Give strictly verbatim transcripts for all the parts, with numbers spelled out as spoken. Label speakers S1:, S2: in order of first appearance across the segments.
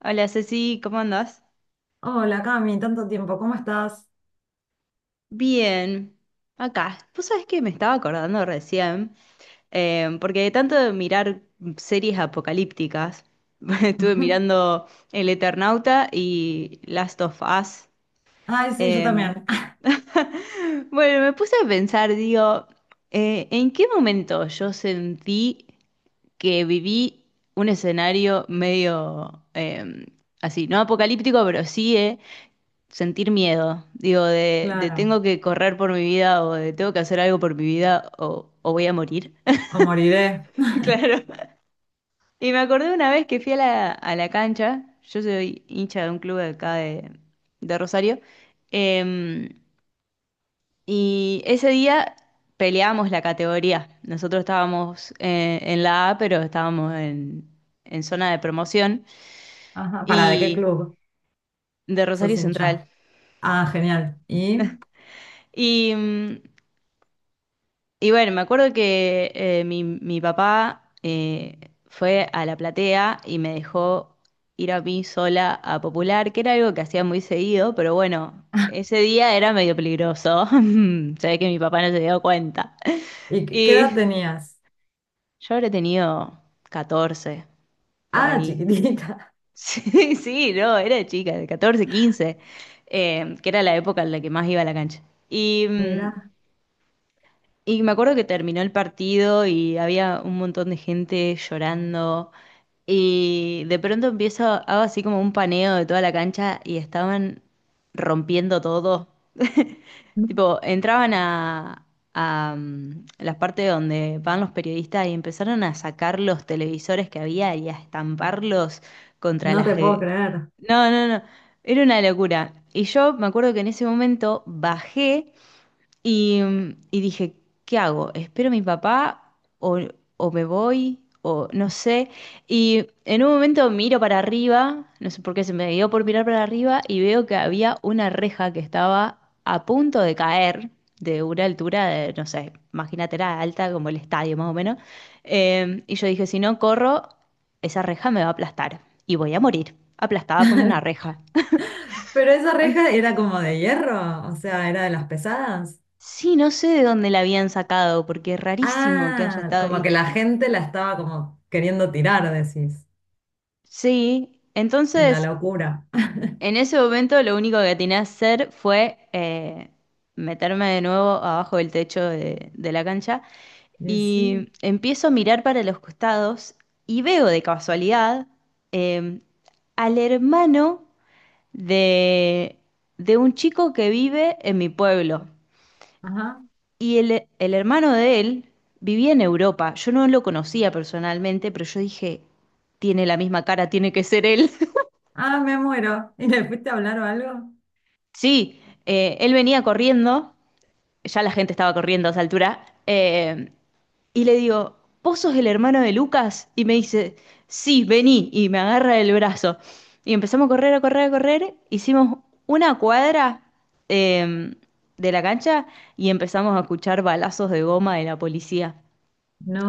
S1: Hola Ceci, ¿cómo andás?
S2: Hola, Cami, tanto tiempo, ¿cómo estás?
S1: Bien, acá. Vos sabés que me estaba acordando recién, eh, porque de tanto de mirar series apocalípticas, estuve mirando El Eternauta y Last of Us.
S2: Ay, sí, yo
S1: em,
S2: también.
S1: Bueno, me puse a pensar, digo, eh, ¿en qué momento yo sentí que viví un escenario medio eh, así, no apocalíptico, pero sí, eh, sentir miedo, digo, de, de
S2: Claro,
S1: tengo que correr por mi vida o de tengo que hacer algo por mi vida o, o voy a morir.
S2: o moriré.
S1: Claro. Y me acordé una vez que fui a la, a la cancha. Yo soy hincha de un club de acá de, de Rosario, eh, y ese día peleamos la categoría. Nosotros estábamos eh, en la A, pero estábamos en, en zona de promoción
S2: Ajá, ¿para de qué
S1: y
S2: club
S1: de Rosario
S2: sos
S1: Central.
S2: hincha? Ah, genial. ¿Y,
S1: Y mm, Y bueno, me acuerdo que eh, mi, mi papá eh, fue a la platea y me dejó ir a mí sola a Popular, que era algo que hacía muy seguido, pero bueno, ese día era medio peligroso. Se ve que mi papá no se dio cuenta.
S2: y qué qué edad
S1: Y
S2: tenías?
S1: yo habré tenido catorce por
S2: Ah,
S1: ahí.
S2: chiquitita.
S1: Sí, sí, no, era chica, de catorce, quince, eh, que era la época en la que más iba a la cancha. Y mm,
S2: Mira,
S1: Y me acuerdo que terminó el partido y había un montón de gente llorando. Y de pronto empiezo, hago así como un paneo de toda la cancha y estaban rompiendo todo. Tipo, entraban a, a mm, las partes donde van los periodistas y empezaron a sacar los televisores que había y a estamparlos contra
S2: no
S1: las...
S2: te puedo
S1: gr-
S2: creer.
S1: No, no, no, era una locura. Y yo me acuerdo que en ese momento bajé y, y dije, ¿qué hago? ¿Espero a mi papá o, o me voy? O no sé. Y en un momento miro para arriba, no sé por qué se me dio por mirar para arriba y veo que había una reja que estaba a punto de caer de una altura de, no sé, imagínate, era alta como el estadio más o menos. Eh, y yo dije, si no corro, esa reja me va a aplastar y voy a morir, aplastada por una reja.
S2: Pero esa reja era como de hierro, o sea, era de las pesadas.
S1: Sí, no sé de dónde la habían sacado, porque es rarísimo que haya
S2: Ah,
S1: estado
S2: como
S1: ahí.
S2: que la gente la estaba como queriendo tirar, decís,
S1: Sí,
S2: en la
S1: entonces
S2: locura.
S1: en ese momento lo único que tenía que hacer fue eh, meterme de nuevo abajo del techo de, de la cancha
S2: Y sí,
S1: y empiezo a mirar para los costados y veo de casualidad eh, al hermano de, de un chico que vive en mi pueblo.
S2: ajá.
S1: Y el, el hermano de él vivía en Europa. Yo no lo conocía personalmente, pero yo dije, tiene la misma cara, tiene que ser él.
S2: Ah, me muero. ¿Y le fuiste a hablar o algo?
S1: Sí, eh, él venía corriendo, ya la gente estaba corriendo a esa altura, eh, y le digo, ¿vos sos el hermano de Lucas? Y me dice, sí, vení, y me agarra el brazo. Y empezamos a correr, a correr, a correr, hicimos una cuadra eh, de la cancha y empezamos a escuchar balazos de goma de la policía.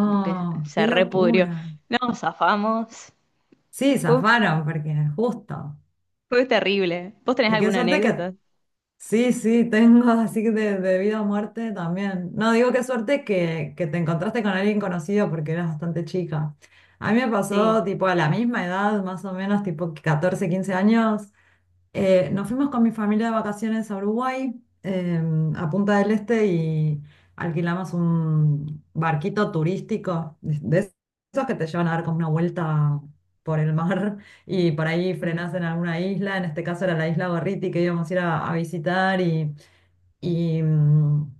S1: Como que se
S2: qué
S1: repudrió.
S2: locura.
S1: No, zafamos.
S2: Sí,
S1: Fue,
S2: zafaron porque justo.
S1: fue terrible. ¿Vos tenés
S2: Y qué
S1: alguna
S2: suerte que...
S1: anécdota?
S2: Sí, sí, tengo así de, de vida o muerte también. No, digo qué suerte que, que te encontraste con alguien conocido porque eras bastante chica. A mí me
S1: Sí.
S2: pasó tipo a la misma edad, más o menos, tipo catorce quince años. Eh, nos fuimos con mi familia de vacaciones a Uruguay, eh, a Punta del Este, y alquilamos un barquito turístico, de de esos que te llevan a dar como una vuelta por el mar y por ahí
S1: Mm.
S2: frenás en alguna isla, en este caso era la isla Gorriti que íbamos a ir a, a visitar y, y, mm,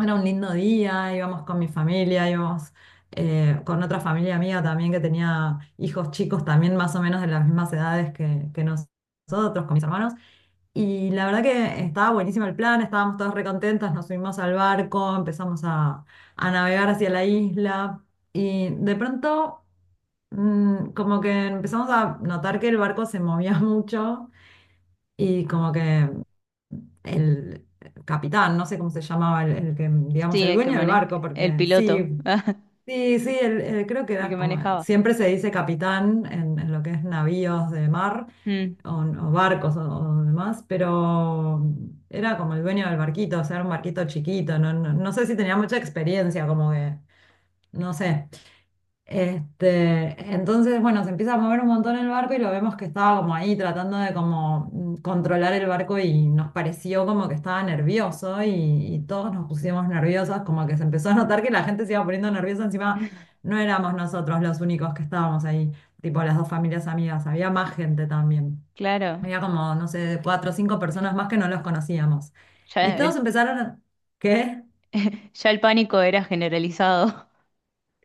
S2: era un lindo día, íbamos con mi familia, íbamos eh, con otra familia mía también que tenía hijos chicos también más o menos de las mismas edades que, que nosotros, con mis hermanos. Y la verdad que estaba buenísimo el plan, estábamos todos recontentos, nos subimos al barco, empezamos a, a navegar hacia la isla y de pronto mm, como que empezamos a notar que el barco se movía mucho y como que el capitán, no sé cómo se llamaba, el, el que, digamos,
S1: Sí,
S2: el
S1: el que
S2: dueño del
S1: mane
S2: barco,
S1: el
S2: porque
S1: piloto,
S2: sí, sí, sí, el- el- creo que
S1: el
S2: era
S1: que
S2: como,
S1: manejaba.
S2: siempre se dice capitán en, en lo que es navíos de mar
S1: Mm.
S2: o, o barcos o, o demás, pero era como el dueño del barquito, o sea, era un barquito chiquito, no, no, no sé si tenía mucha experiencia, como que, no sé. Este, entonces, bueno, se empieza a mover un montón el barco y lo vemos que estaba como ahí tratando de como mm, controlar el barco y nos pareció como que estaba nervioso y, y todos nos pusimos nerviosos, como que se empezó a notar que la gente se iba poniendo nerviosa, encima no éramos nosotros los únicos que estábamos ahí, tipo las dos familias amigas, había más gente también.
S1: Claro.
S2: Había como, no sé, cuatro o cinco personas más que no los conocíamos. Y
S1: Ya
S2: todos
S1: el,
S2: empezaron a... ¿Qué?
S1: ya el pánico era generalizado.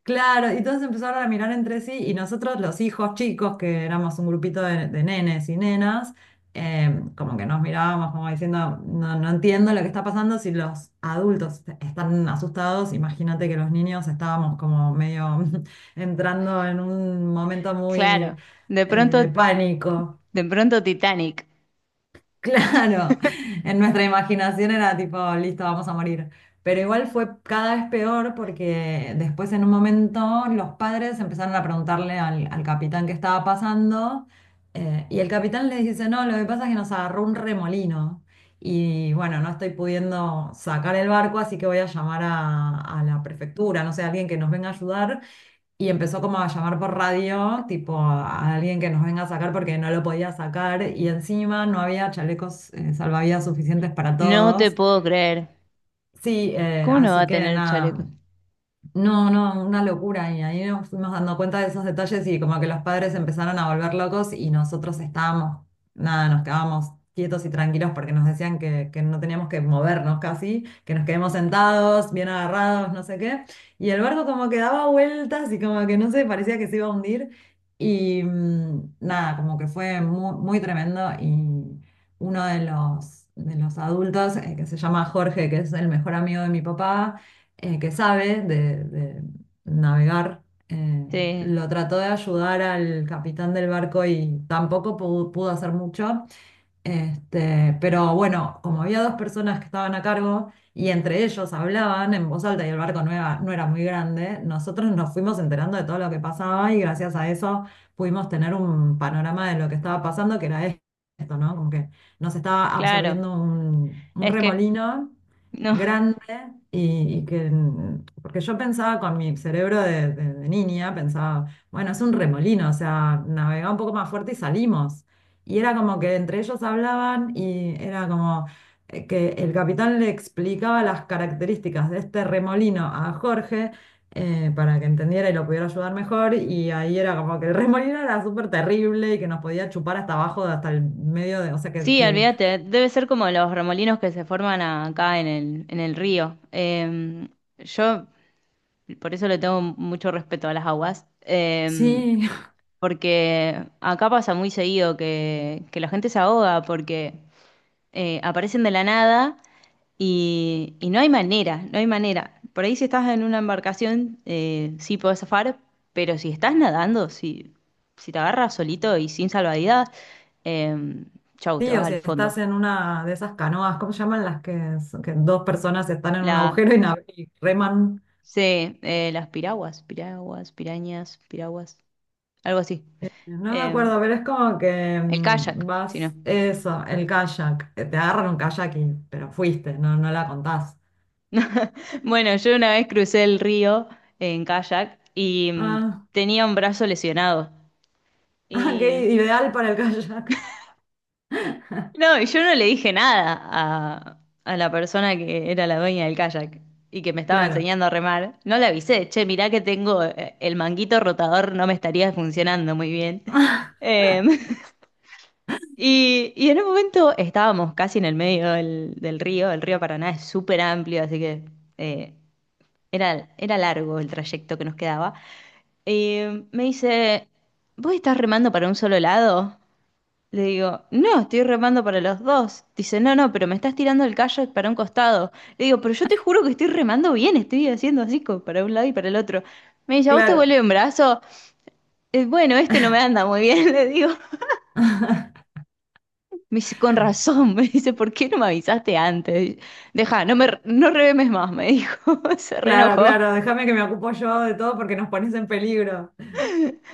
S2: Claro, y todos empezaron a mirar entre sí y nosotros los hijos chicos, que éramos un grupito de, de nenes y nenas, eh, como que nos mirábamos como diciendo, no, no entiendo lo que está pasando si los adultos están asustados, imagínate que los niños estábamos como medio entrando en un momento muy
S1: Claro. De
S2: eh, de
S1: pronto,
S2: pánico.
S1: de pronto Titanic.
S2: Claro, en nuestra imaginación era tipo, listo, vamos a morir. Pero igual fue cada vez peor porque después en un momento los padres empezaron a preguntarle al, al capitán qué estaba pasando eh, y el capitán les dice, no, lo que pasa es que nos agarró un remolino y bueno, no estoy pudiendo sacar el barco, así que voy a llamar a, a la prefectura, no sé, alguien que nos venga a ayudar y empezó como a llamar por radio, tipo a, alguien que nos venga a sacar porque no lo podía sacar y encima no había chalecos eh, salvavidas suficientes para
S1: No te
S2: todos.
S1: puedo creer.
S2: Sí, eh,
S1: ¿Cómo no va
S2: así
S1: a
S2: que
S1: tener chaleco?
S2: nada, no, no, una locura. Y ahí nos fuimos dando cuenta de esos detalles y como que los padres empezaron a volver locos y nosotros estábamos, nada, nos quedábamos quietos y tranquilos porque nos decían que, que no teníamos que movernos casi, que nos quedemos sentados, bien agarrados, no sé qué. Y el barco como que daba vueltas y como que no sé, parecía que se iba a hundir. Y mm, nada, como que fue muy, muy tremendo y uno de los, de los adultos, eh, que se llama Jorge, que es el mejor amigo de mi papá eh, que sabe de, de navegar, eh,
S1: Sí,
S2: lo trató de ayudar al capitán del barco y tampoco pudo, pudo hacer mucho. Este, pero bueno, como había dos personas que estaban a cargo y entre ellos hablaban en voz alta y el barco no era, no era muy grande, nosotros nos fuimos enterando de todo lo que pasaba y gracias a eso pudimos tener un panorama de lo que estaba pasando, que era esto, ¿no? Como que nos estaba
S1: claro.
S2: absorbiendo un, un
S1: Es que
S2: remolino
S1: no.
S2: grande y, y que, mm, porque yo pensaba con mi cerebro de, de- de niña, pensaba, bueno, es un remolino, o sea, navegá un poco más fuerte y salimos. Y era como que entre ellos hablaban y era como eh, que el capitán le explicaba las características de este remolino a Jorge. Eh, para que entendiera y lo pudiera ayudar mejor, y ahí era como que el remolino era súper terrible y que nos podía chupar hasta abajo, hasta el medio de, o sea, que,
S1: Sí,
S2: que-
S1: olvídate, debe ser como los remolinos que se forman acá en el, en el río. Eh, yo por eso le tengo mucho respeto a las aguas, eh,
S2: sí,
S1: porque acá pasa muy seguido que, que la gente se ahoga porque eh, aparecen de la nada y, y no hay manera, no hay manera. Por ahí si estás en una embarcación, eh, sí podés zafar, pero si estás nadando, si, si te agarras solito y sin salvavidas, eh, chau, te
S2: sí, o
S1: vas
S2: si
S1: al fondo.
S2: estás en una de esas canoas, ¿cómo se llaman las que, son- que dos personas están en un
S1: Las,
S2: agujero y, nav- y reman?
S1: sí, eh, las piraguas, piraguas, pirañas, piraguas, algo así.
S2: Eh, No me
S1: Em,
S2: acuerdo, pero es como que
S1: el
S2: mm,
S1: kayak, si no.
S2: vas, eso, el kayak, eh, te agarran un kayak y, pero fuiste, no, no la contás.
S1: Bueno, yo una vez crucé el río en kayak y mm,
S2: Ah,
S1: tenía un brazo lesionado.
S2: ah,
S1: Y
S2: qué ideal para el kayak.
S1: no, y yo no le dije nada a, a la persona que era la dueña del kayak y que me estaba
S2: Claro,
S1: enseñando a remar. No le avisé, che, mirá que tengo eh, el manguito rotador, no me estaría funcionando muy bien. Em, Y, y en un momento estábamos casi en el medio del, del río. El río Paraná es súper amplio, así que eh, era, era largo el trayecto que nos quedaba. Y me dice, ¿vos estás remando para un solo lado? Le digo, no, estoy remando para los dos. Dice, no, no, pero me estás tirando el kayak para un costado. Le digo, pero yo te juro que estoy remando bien, estoy haciendo así como para un lado y para el otro. Me dice, ¿a vos te
S2: claro.
S1: vuelve un brazo? Eh, bueno, este no me anda muy bien, le digo. Me dice, con razón, me dice, ¿por qué no me avisaste antes? Deja, no me, no revemes más, me dijo, se
S2: Claro,
S1: reenojó.
S2: claro, déjame que me ocupo yo de todo porque nos pones en peligro.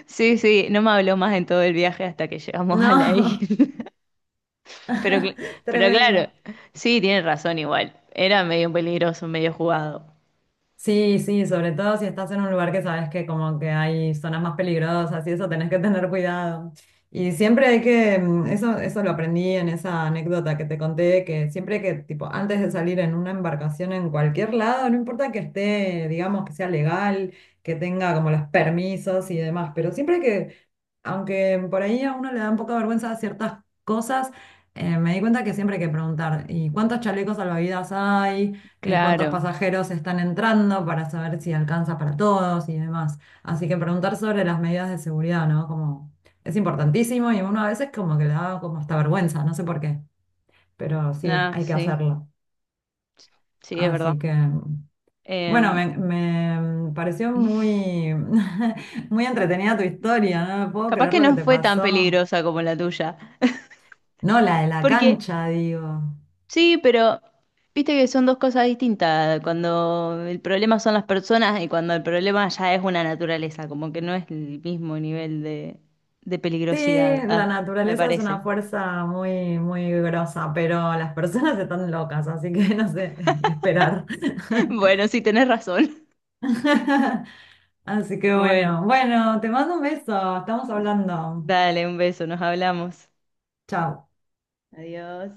S1: Sí, sí, no me habló más en todo el viaje hasta que llegamos a la
S2: No,
S1: isla. Pero, cl- pero claro,
S2: tremendo.
S1: sí, tiene razón igual. Era medio peligroso, medio jugado.
S2: Sí, sí, sobre todo si estás en un lugar que sabes que como que hay zonas más peligrosas y eso tenés que tener cuidado. Y siempre hay que, mm, eso, eso lo aprendí en esa anécdota que te conté, que siempre que, tipo, antes de salir en una embarcación en cualquier lado, no importa que esté, digamos, que sea legal, que tenga como los permisos y demás, pero siempre que aunque por ahí a uno le da un poco de vergüenza ciertas cosas, eh, me di cuenta que siempre hay que preguntar, ¿y cuántos chalecos salvavidas hay? Eh, ¿cuántos
S1: Claro.
S2: pasajeros están entrando para saber si alcanza para todos y demás? Así que preguntar sobre las medidas de seguridad, ¿no? Como es importantísimo y uno a veces como que le da como hasta vergüenza, no sé por qué, pero sí,
S1: Ah,
S2: hay que
S1: sí,
S2: hacerlo.
S1: sí, es verdad.
S2: Así que, bueno,
S1: Eh,
S2: me, me pareció muy, muy entretenida tu historia, no me puedo
S1: capaz
S2: creer
S1: que
S2: lo que
S1: no
S2: te
S1: fue tan
S2: pasó.
S1: peligrosa como la tuya,
S2: No, la de la
S1: porque
S2: cancha, digo.
S1: sí, pero viste que son dos cosas distintas. Cuando el problema son las personas y cuando el problema ya es una naturaleza, como que no es el mismo nivel de, de
S2: Sí,
S1: peligrosidad.
S2: la
S1: Ah, me
S2: naturaleza es
S1: parece.
S2: una fuerza muy, muy grosa, pero las personas están locas, así que no sé qué esperar.
S1: Bueno, sí, tenés razón.
S2: Así que
S1: Bueno,
S2: bueno, bueno, te mando un beso, estamos hablando.
S1: dale un beso, nos hablamos.
S2: Chao.
S1: Adiós.